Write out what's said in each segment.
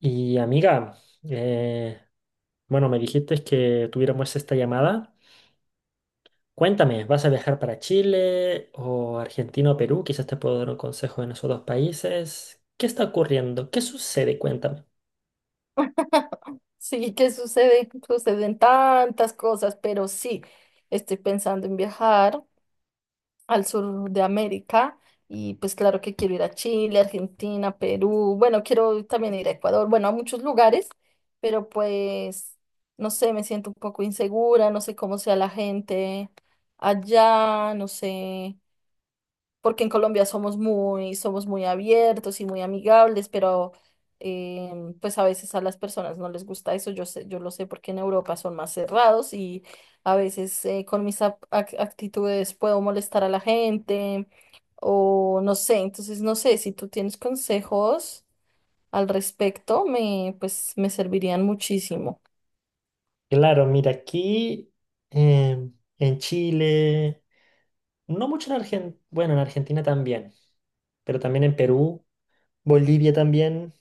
Y amiga, eh, bueno, me dijiste que tuviéramos esta llamada. Cuéntame, ¿vas a viajar para Chile o Argentina o Perú? Quizás te puedo dar un consejo en esos dos países. ¿Qué está ocurriendo? ¿Qué sucede? Cuéntame. Sí, que sucede, suceden tantas cosas, pero sí, estoy pensando en viajar al sur de América y pues claro que quiero ir a Chile, Argentina, Perú, bueno, quiero también ir a Ecuador, bueno, a muchos lugares, pero pues no sé, me siento un poco insegura, no sé cómo sea la gente allá, no sé porque en Colombia somos muy abiertos y muy amigables, pero pues a veces a las personas no les gusta eso. Yo sé, yo lo sé porque en Europa son más cerrados y a veces con mis actitudes puedo molestar a la gente o no sé. Entonces no sé si tú tienes consejos al respecto, me pues me servirían muchísimo. Claro, mira, aquí em, en Chile, no mucho en Argentina, bueno, en Argentina también, pero también en Perú, Bolivia también.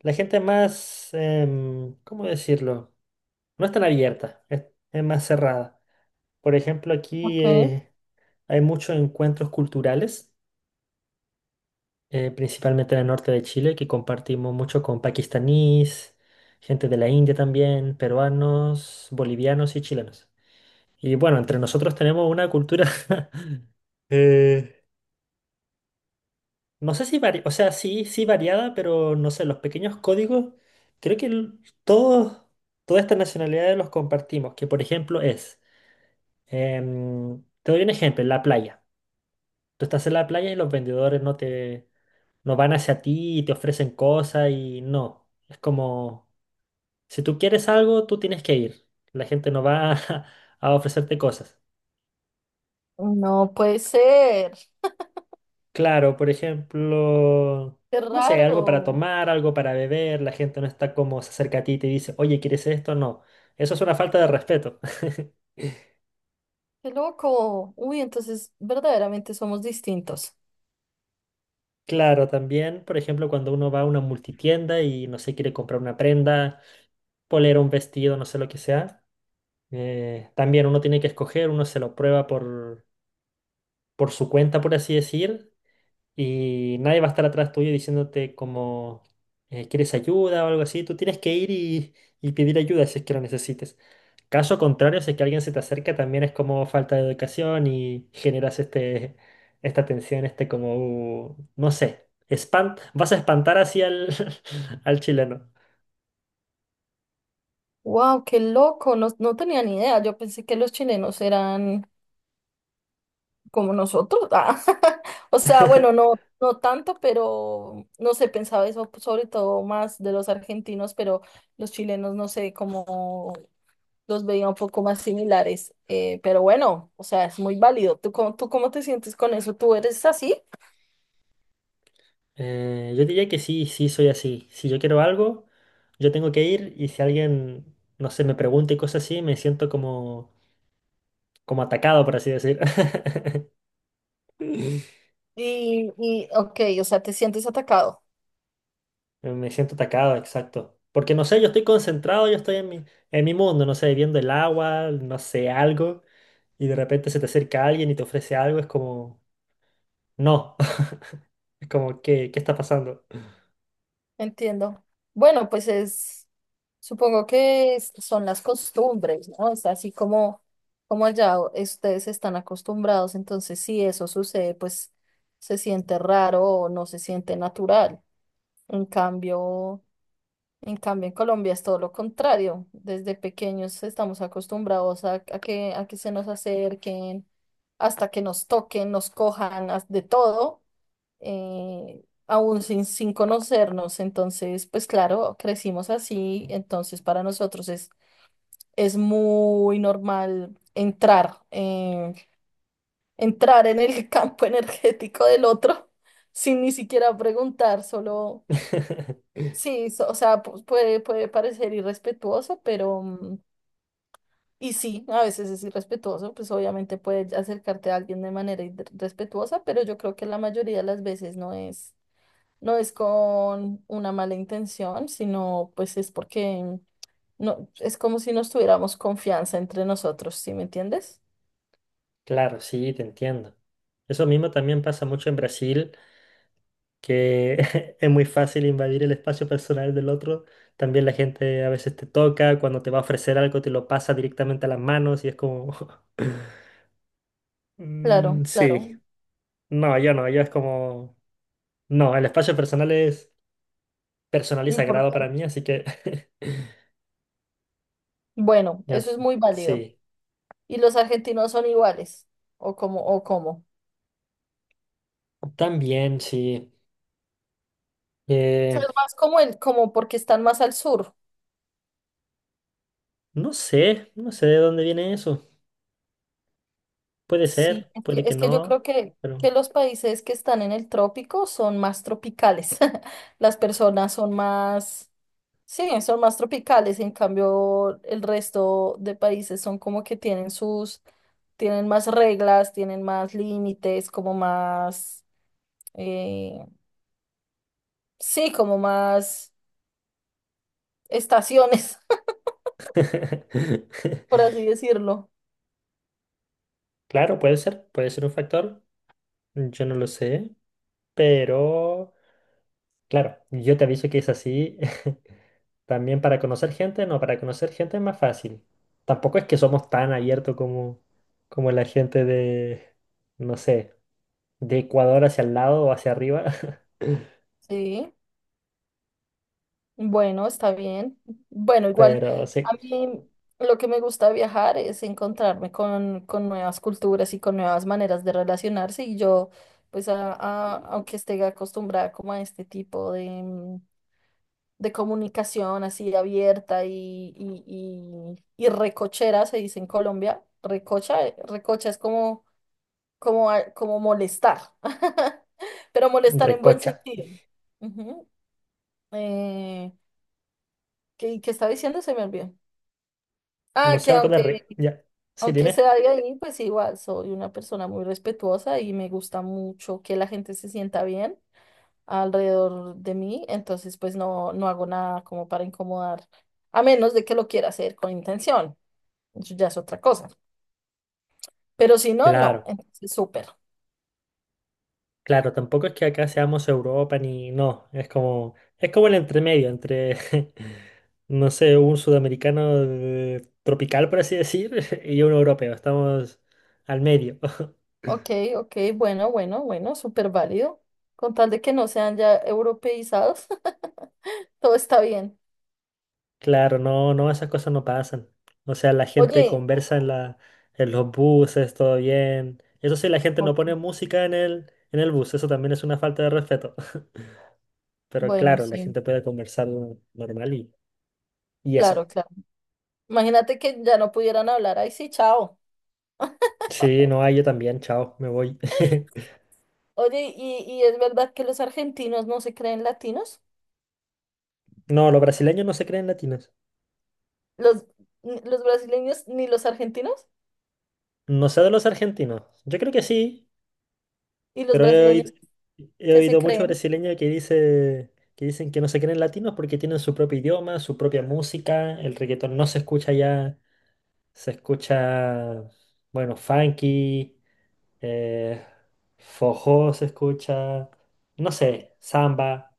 La gente es más, ¿cómo decirlo? No es tan abierta, es más cerrada. Por ejemplo, aquí Okay. Hay muchos encuentros culturales, principalmente en el norte de Chile, que compartimos mucho con pakistaníes, gente de la India también, peruanos, bolivianos y chilenos. Y bueno, entre nosotros tenemos una cultura, eh, no sé si variada, o sea, sí, sí variada, pero no sé, los pequeños códigos, creo que todos, todas estas nacionalidades los compartimos, que por ejemplo es, te doy un ejemplo, en la playa. Tú estás en la playa y los vendedores no te, no van hacia ti y te ofrecen cosas y no. Es como, si tú quieres algo, tú tienes que ir. La gente no va a ofrecerte cosas. No puede ser. Claro, por ejemplo, Qué no sé, algo para raro. tomar, algo para beber. La gente no está como se acerca a ti y te dice, oye, ¿quieres esto? No. Eso es una falta de respeto. Qué loco. Uy, entonces verdaderamente somos distintos. Claro, también, por ejemplo, cuando uno va a una multitienda y no sé, quiere comprar una prenda, polera, un vestido, no sé lo que sea. También uno tiene que escoger, uno se lo prueba por su cuenta, por así decir, y nadie va a estar atrás tuyo diciéndote como quieres ayuda o algo así. Tú tienes que ir y pedir ayuda si es que lo necesites. Caso contrario, si es que alguien se te acerca, también es como falta de educación y generas esta tensión, no sé, espant vas a espantar así al, al chileno. Wow, qué loco, no, no tenía ni idea. Yo pensé que los chilenos eran como nosotros. Ah, O sea, bueno, no, no tanto, pero no sé, pensaba eso sobre todo más de los argentinos, pero los chilenos no sé cómo los veía un poco más similares. Pero bueno, o sea, es muy válido. ¿Tú cómo te sientes con eso? ¿Tú eres así? Yo diría que sí, sí soy así. Si yo quiero algo, yo tengo que ir y si alguien, no sé, me pregunta y cosas así, me siento como, como atacado, por así decir. Y ok, o sea, te sientes atacado. Me siento atacado, exacto. Porque no sé, yo estoy concentrado, yo estoy en mi mundo, no sé, viendo el agua, no sé, algo, y de repente se te acerca alguien y te ofrece algo, es como, no, es como, qué está pasando? Entiendo. Bueno, supongo que son las costumbres, ¿no? Es así como, como allá ustedes están acostumbrados, entonces si eso sucede, pues se siente raro o no se siente natural. En cambio, en cambio en Colombia es todo lo contrario. Desde pequeños estamos acostumbrados a que se nos acerquen, hasta que nos toquen, nos cojan, de todo aún sin conocernos. Entonces, pues claro, crecimos así, entonces para nosotros es muy normal entrar, entrar en el campo energético del otro sin ni siquiera preguntar, solo, sí, o sea, puede parecer irrespetuoso, pero... mm, y sí, a veces es irrespetuoso, pues obviamente puedes acercarte a alguien de manera irrespetuosa, pero yo creo que la mayoría de las veces no es. No es con una mala intención, sino pues es porque no, es como si nos tuviéramos confianza entre nosotros, ¿sí me entiendes? Claro, sí, te entiendo. Eso mismo también pasa mucho en Brasil, que es muy fácil invadir el espacio personal del otro. También la gente a veces te toca, cuando te va a ofrecer algo te lo pasa directamente a las manos y es como... Claro, "Mm, sí, claro, no, yo no, yo es como... No, el espacio personal es personal y sagrado para importante. mí, así que... Bueno, ya eso sé. es muy válido. Sí, ¿Y los argentinos son iguales? ¿O cómo? ¿O cómo? también sí. O sea, Eh, es más como el, como porque están más al sur. no sé, no sé de dónde viene eso. Puede ser, Sí, es puede que, que es que yo creo no, pero... que los países que están en el trópico son más tropicales. Las personas son más sí, son más tropicales, en cambio el resto de países son como que tienen más reglas, tienen más límites, como más, eh, sí, como más estaciones, por así decirlo. Claro, puede ser un factor. Yo no lo sé. Pero, claro, yo te aviso que es así. También para conocer gente, no, para conocer gente es más fácil. Tampoco es que somos tan abiertos como, como la gente de, no sé, de Ecuador hacia el lado o hacia arriba. Sí, bueno, está bien. Bueno, igual Pero sí, a mí lo que me gusta de viajar es encontrarme con nuevas culturas y con nuevas maneras de relacionarse y yo, pues, aunque esté acostumbrada como a este tipo de... mm, de comunicación así abierta y recochera, se dice en Colombia. Recocha, recocha es como, como, como molestar, pero molestar en buen recocha. sentido. Ujú. Eh, ¿qué estaba diciendo? Se me olvidó. No Ah, sé, que algo de aunque, re. Ya. Sí, aunque dime. sea de ahí, pues igual soy una persona muy respetuosa y me gusta mucho que la gente se sienta bien alrededor de mí, entonces pues no, no hago nada como para incomodar, a menos de que lo quiera hacer con intención, eso ya es otra cosa, pero si no, no, Claro. entonces súper. Claro, tampoco es que acá seamos Europa ni no, es como el entremedio entre no sé, un sudamericano tropical por así decir y un europeo, estamos al medio. Ok, ok, bueno, bueno, bueno, súper válido, con tal de que no sean ya europeizados, todo está bien. Claro, no, no, esas cosas no pasan. O sea, la gente Oye, conversa en la en los buses, todo bien. Eso sí, la gente no ok, pone música en el bus, eso también es una falta de respeto. Pero bueno, claro, la sí, gente puede conversar normal y claro, eso. claro. Imagínate que ya no pudieran hablar, ahí sí, chao. Sí, no, ah, yo también, chao, me voy. Oye, y es verdad que los argentinos no se creen latinos? No, los brasileños no se creen latinos. ¿Los, los brasileños ni los argentinos? No sé de los argentinos. Yo creo que sí, Y los pero brasileños he que se oído muchos creen, brasileños que dicen que no se creen latinos porque tienen su propio idioma, su propia música. El reggaetón no se escucha ya, se escucha, bueno, funky, eh, forró se escucha, no sé, samba.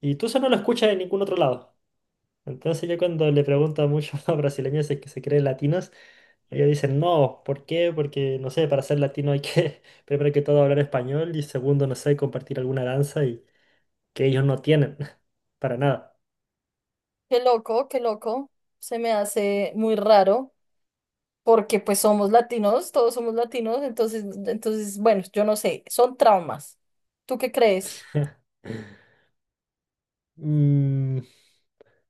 Y tú eso no lo escuchas en ningún otro lado. Entonces yo cuando le pregunto a muchos brasileños si es que se creen latinos, ellos dicen, no, ¿por qué? Porque, no sé, para ser latino hay que, primero que todo, hablar español y segundo, no sé, compartir alguna danza y que ellos no tienen, para nada. Qué loco, se me hace muy raro, porque pues somos latinos, todos somos latinos, entonces, entonces, bueno, yo no sé, son traumas. ¿Tú qué crees? Mm,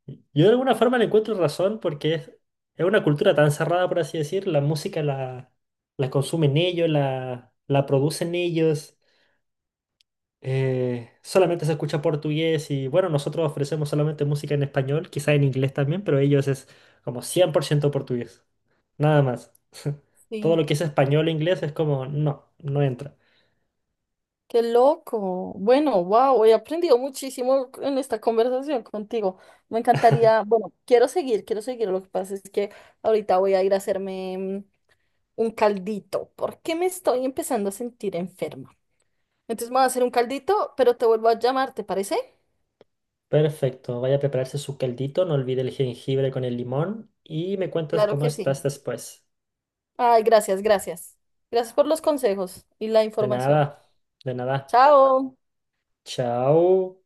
yo de alguna forma le encuentro razón porque es una cultura tan cerrada, por así decir, la consumen ellos, la producen ellos. Solamente se escucha portugués y bueno, nosotros ofrecemos solamente música en español, quizá en inglés también, pero ellos es como 100% portugués, nada más. Todo Sí, lo que es español e inglés es como, no, no entra. qué loco. Bueno, wow, he aprendido muchísimo en esta conversación contigo. Me encantaría, bueno, quiero seguir, quiero seguir. Lo que pasa es que ahorita voy a ir a hacerme un caldito, porque me estoy empezando a sentir enferma. Entonces me voy a hacer un caldito, pero te vuelvo a llamar, ¿te parece? Perfecto, vaya a prepararse su caldito, no olvide el jengibre con el limón y me cuentas Claro cómo que estás sí. después. Ay, gracias, gracias. Gracias por los consejos y la De información. nada, de nada. Chao. Chao.